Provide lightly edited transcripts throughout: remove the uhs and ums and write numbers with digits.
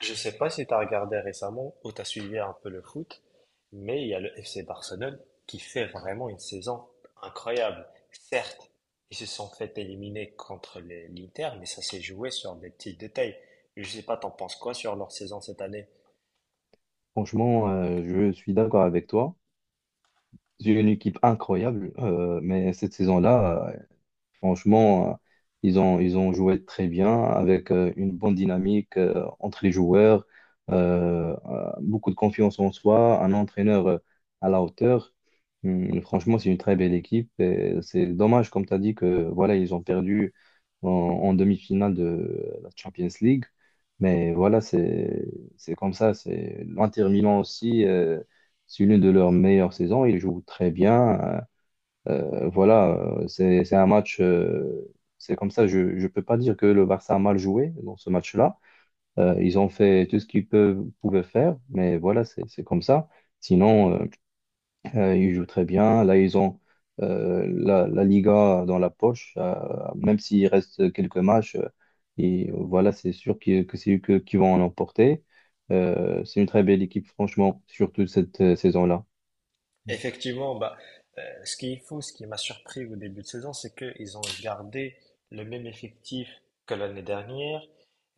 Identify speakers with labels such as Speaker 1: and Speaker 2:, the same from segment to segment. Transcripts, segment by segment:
Speaker 1: Je sais pas si tu as regardé récemment ou tu as suivi un peu le foot, mais il y a le FC Barcelone qui fait vraiment une saison incroyable. Certes, ils se sont fait éliminer contre l'Inter, mais ça s'est joué sur des petits détails. Je sais pas, t'en penses quoi sur leur saison cette année?
Speaker 2: Franchement, je suis d'accord avec toi. J'ai une équipe incroyable, mais cette saison-là, franchement, ils ont joué très bien avec une bonne dynamique entre les joueurs, beaucoup de confiance en soi, un entraîneur à la hauteur. Franchement, c'est une très belle équipe. Et c'est dommage, comme tu as dit, que voilà, ils ont perdu en demi-finale de la Champions League. Mais voilà, c'est comme ça. C'est l'Inter Milan aussi, c'est l'une de leurs meilleures saisons. Ils jouent très bien. Voilà, c'est un match, c'est comme ça, je ne peux pas dire que le Barça a mal joué dans ce match-là. Ils ont fait tout ce qu'ils pouvaient faire, mais voilà, c'est comme ça. Sinon, ils jouent très bien. Là, ils ont la Liga dans la poche, même s'il reste quelques matchs, et voilà, c'est sûr que c'est eux qui vont en emporter. C'est une très belle équipe, franchement, surtout cette saison-là.
Speaker 1: Effectivement, bah, ce qui est fou, ce qui m'a surpris au début de saison, c'est qu'ils ont gardé le même effectif que l'année dernière,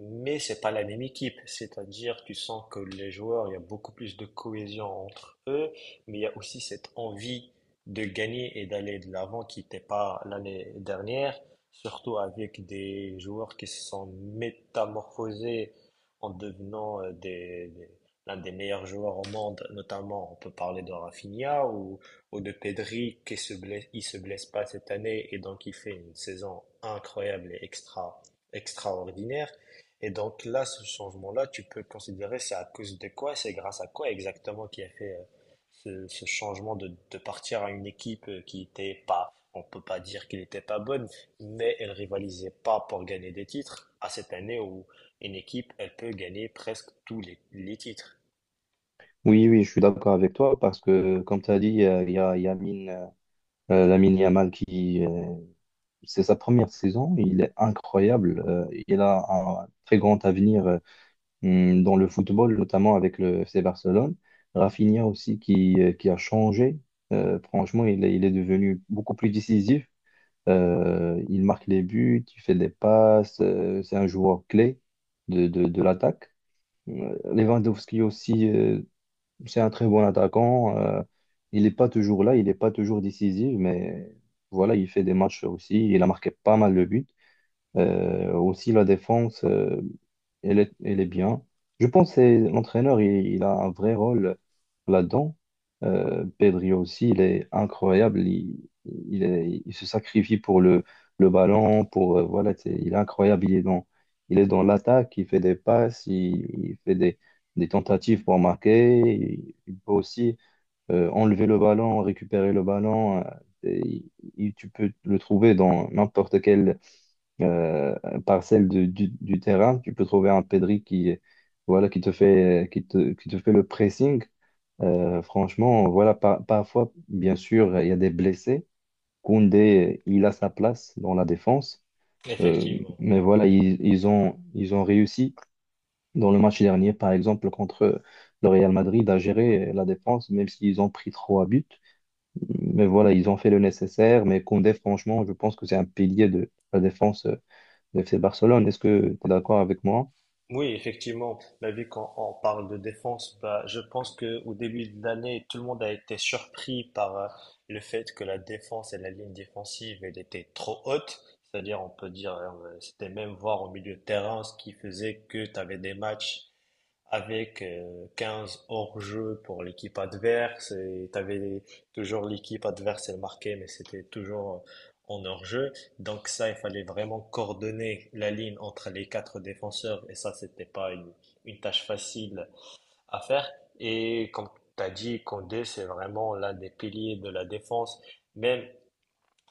Speaker 1: mais c'est pas la même équipe. C'est-à-dire, tu sens que les joueurs, il y a beaucoup plus de cohésion entre eux, mais il y a aussi cette envie de gagner et d'aller de l'avant qui n'était pas l'année dernière, surtout avec des joueurs qui se sont métamorphosés en devenant l'un des meilleurs joueurs au monde, notamment on peut parler de Rafinha ou de Pedri qui se blesse il se blesse pas cette année et donc il fait une saison incroyable et extraordinaire. Et donc là, ce changement-là, tu peux considérer c'est à cause de quoi, c'est grâce à quoi exactement qui a fait ce changement de partir à une équipe qui était pas, on peut pas dire qu'elle n'était pas bonne, mais elle rivalisait pas pour gagner des titres à cette année où une équipe, elle peut gagner presque tous les titres.
Speaker 2: Oui, oui, je suis d'accord avec toi parce que, comme tu as dit, il y a Lamine Yamal qui, c'est sa première saison, il est incroyable. Il a un très grand avenir dans le football, notamment avec le FC Barcelone. Rafinha aussi qui a changé. Franchement, il est devenu beaucoup plus décisif. Il marque les buts, il fait des passes. C'est un joueur clé de l'attaque. Lewandowski aussi. C'est un très bon attaquant. Il n'est pas toujours là, il n'est pas toujours décisif, mais voilà, il fait des matchs aussi. Il a marqué pas mal de buts. Aussi, la défense, elle est bien. Je pense que l'entraîneur, il a un vrai rôle là-dedans. Pedri aussi, il est incroyable. Il se sacrifie pour le ballon, pour, voilà, il est incroyable. Il est dans l'attaque, il fait des passes, il fait des tentatives pour marquer. Il peut aussi enlever le ballon, récupérer le ballon. Et il- tu peux le trouver dans n'importe quel euh, parcelle du terrain. Tu peux trouver un Pedri qui, voilà, qui te fait le pressing. Franchement, voilà, parfois, bien sûr, il y a des blessés. Koundé, il a sa place dans la défense. Euh,
Speaker 1: Effectivement.
Speaker 2: mais voilà, ils ont réussi dans le match dernier, par exemple, contre le Real Madrid, à gérer la défense, même s'ils ont pris trois buts. Mais voilà, ils ont fait le nécessaire. Mais Koundé, franchement, je pense que c'est un pilier de la défense le FC Barcelone. Est-ce que tu es d'accord avec moi?
Speaker 1: Oui, effectivement, bah, vu qu'on parle de défense, bah, je pense que au début de l'année, tout le monde a été surpris par le fait que la défense et la ligne défensive, elle était trop haute. C'est-à-dire, on peut dire, c'était même voir au milieu de terrain, ce qui faisait que tu avais des matchs avec 15 hors-jeu pour l'équipe adverse et t'avais toujours l'équipe adverse elle marquait mais c'était toujours en hors-jeu, donc ça il fallait vraiment coordonner la ligne entre les quatre défenseurs et ça c'était pas une tâche facile à faire et comme t'as dit, Condé c'est vraiment l'un des piliers de la défense, même.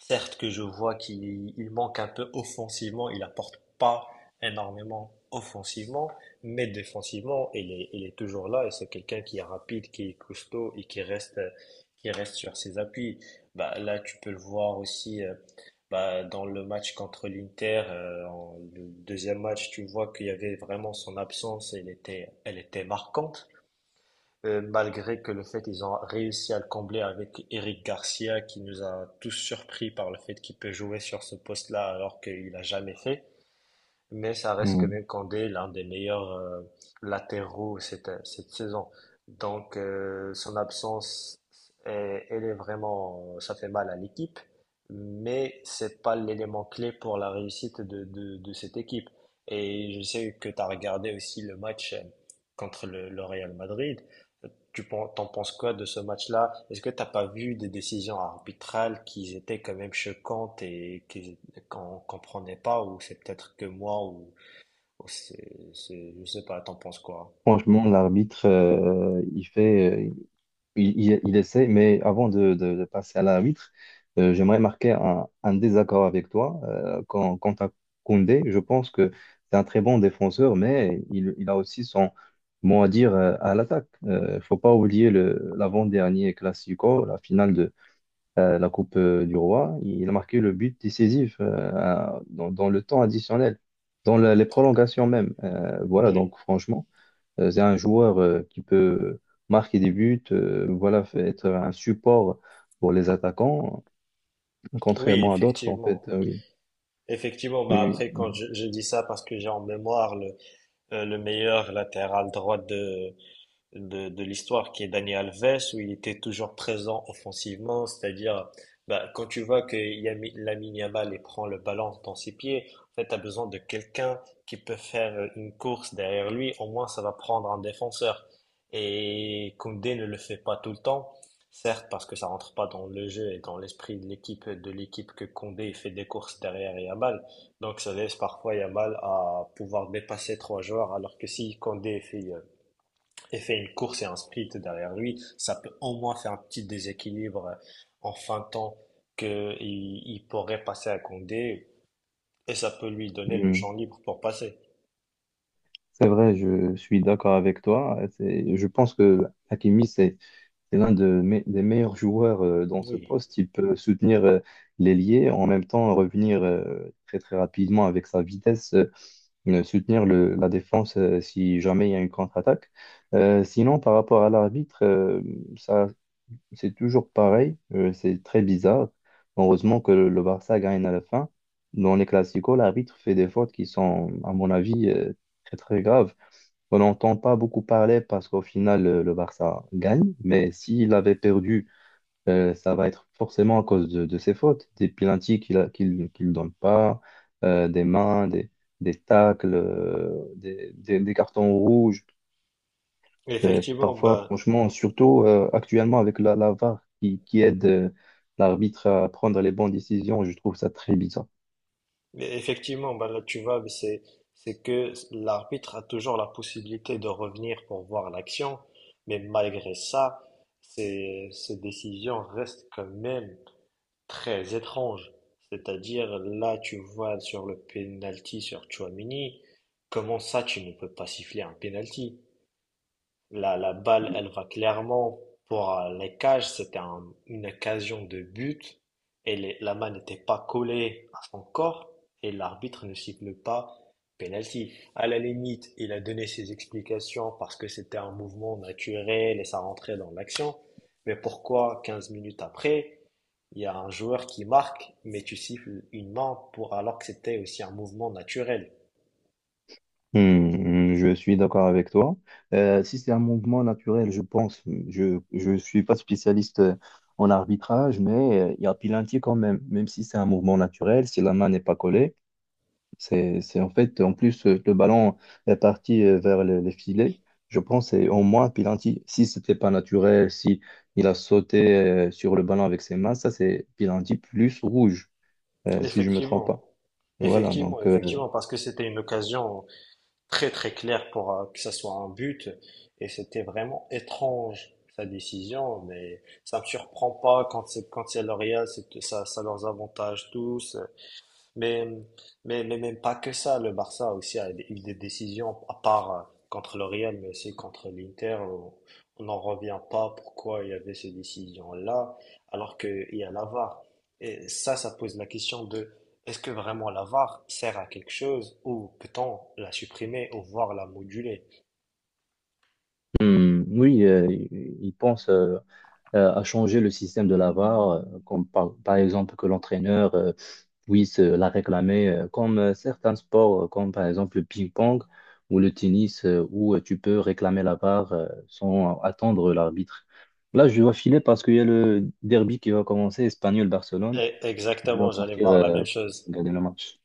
Speaker 1: Certes que je vois qu'il manque un peu offensivement, il apporte pas énormément offensivement, mais défensivement, il est toujours là et c'est quelqu'un qui est rapide, qui est costaud et qui reste sur ses appuis. Bah, là, tu peux le voir aussi, bah, dans le match contre l'Inter, le deuxième match, tu vois qu'il y avait vraiment son absence, elle était marquante. Malgré que le fait ils ont réussi à le combler avec Eric Garcia qui nous a tous surpris par le fait qu'il peut jouer sur ce poste-là alors qu'il n'a jamais fait. Mais ça reste quand
Speaker 2: Hmm.
Speaker 1: même Kandé l'un des meilleurs latéraux cette saison. Donc son absence, elle est vraiment, ça fait mal à l'équipe, mais c'est pas l'élément clé pour la réussite de cette équipe. Et je sais que tu as regardé aussi le match contre le Real Madrid. T'en penses quoi de ce match-là? Est-ce que t'as pas vu des décisions arbitrales qui étaient quand même choquantes et qu'on comprenait pas, ou c'est peut-être que moi, ou je sais pas, t'en penses quoi?
Speaker 2: Franchement, l'arbitre, il fait, il essaie, mais avant de passer à l'arbitre, j'aimerais marquer un désaccord avec toi. Quant à Koundé, je pense que c'est un très bon défenseur, mais il a aussi son mot à dire à l'attaque. Il ne faut pas oublier l'avant-dernier Classico, la finale de. La Coupe du Roi. Il a marqué le but décisif dans le temps additionnel, dans les prolongations même. Voilà,
Speaker 1: Oui,
Speaker 2: donc franchement, c'est un joueur qui peut marquer des buts, voilà, être un support pour les attaquants,
Speaker 1: oui,
Speaker 2: contrairement à d'autres, en fait.
Speaker 1: effectivement.
Speaker 2: Oui,
Speaker 1: Effectivement, bah
Speaker 2: oui,
Speaker 1: après, quand je dis ça parce que j'ai en mémoire le meilleur latéral droit de l'histoire qui est Dani Alves, où il était toujours présent offensivement, c'est-à-dire bah, quand tu vois que Lamine Yamal il prend le ballon dans ses pieds, en fait, tu as besoin de quelqu'un qui peut faire une course derrière lui, au moins ça va prendre un défenseur. Et Koundé ne le fait pas tout le temps, certes parce que ça rentre pas dans le jeu et dans l'esprit de l'équipe que Koundé fait des courses derrière Yamal, donc ça laisse parfois Yamal à pouvoir dépasser trois joueurs, alors que si Koundé fait une course et un sprint derrière lui, ça peut au moins faire un petit déséquilibre en fin de temps qu'il pourrait passer à Condé et ça peut lui
Speaker 2: oui.
Speaker 1: donner le
Speaker 2: Mhm.
Speaker 1: champ libre pour passer.
Speaker 2: C'est vrai, je suis d'accord avec toi. Je pense que Hakimi, c'est l'un de des meilleurs joueurs dans ce
Speaker 1: Oui.
Speaker 2: poste. Il peut soutenir l'ailier, en même temps revenir très très rapidement avec sa vitesse, soutenir la défense si jamais il y a une contre-attaque. Sinon, par rapport à l'arbitre, ça c'est toujours pareil. C'est très bizarre. Heureusement que le Barça gagne à la fin. Dans les classicos, l'arbitre fait des fautes qui sont, à mon avis, très très graves. On n'entend pas beaucoup parler parce qu'au final, le Barça gagne. Mais s'il avait perdu, ça va être forcément à cause de ses fautes. Des pénaltys qu'il donne pas, des mains, des tacles, des cartons rouges.
Speaker 1: Effectivement,
Speaker 2: Parfois,
Speaker 1: bah,
Speaker 2: franchement, surtout actuellement avec la VAR qui aide l'arbitre à prendre les bonnes décisions, je trouve ça très bizarre.
Speaker 1: effectivement, bah, là tu vois, mais c'est que l'arbitre a toujours la possibilité de revenir pour voir l'action, mais malgré ça, ces décisions restent quand même très étrange, c'est-à-dire là tu vois sur le penalty sur Tchouaméni, comment ça tu ne peux pas siffler un penalty? La balle elle va clairement pour les cages, c'était une occasion de but et la main n'était pas collée à son corps et l'arbitre ne siffle pas penalty. À la limite, il a donné ses explications parce que c'était un mouvement naturel et ça rentrait dans l'action. Mais pourquoi 15 minutes après, il y a un joueur qui marque mais tu siffles une main pour, alors que c'était aussi un mouvement naturel?
Speaker 2: Hmm, je suis d'accord avec toi. Si c'est un mouvement naturel, je pense, je suis pas spécialiste en arbitrage, mais il y a penalty quand même, même si c'est un mouvement naturel, si la main n'est pas collée, c'est en fait en plus le ballon est parti vers les filets. Je pense c'est au moins penalty. Si c'était pas naturel, si il a sauté sur le ballon avec ses mains, ça c'est penalty plus rouge, si je me trompe
Speaker 1: Effectivement.
Speaker 2: pas. Voilà,
Speaker 1: Effectivement,
Speaker 2: donc
Speaker 1: effectivement, parce que c'était une occasion très très clair pour que ça soit un but et c'était vraiment étrange sa décision, mais ça me surprend pas quand c'est, L'Oréal, c'est ça, ça leurs avantage tous. Mais, même pas que ça, le Barça aussi a eu des décisions, à part contre le Real, mais aussi contre l'Inter, on n'en revient pas pourquoi il y avait ces décisions-là, alors qu'il y a la VAR. Et ça pose la question de est-ce que vraiment la VAR sert à quelque chose ou peut-on la supprimer ou voir la moduler?
Speaker 2: hmm, oui, il pense. À changer le système de la VAR, par exemple que l'entraîneur puisse la réclamer, comme certains sports, comme par exemple le ping-pong ou le tennis, où tu peux réclamer la VAR sans attendre l'arbitre. Là, je dois filer parce qu'il y a le derby qui va commencer, Espagnol-Barcelone.
Speaker 1: Et
Speaker 2: Je
Speaker 1: exactement,
Speaker 2: dois
Speaker 1: j'allais
Speaker 2: partir
Speaker 1: voir la même chose.
Speaker 2: regarder le match.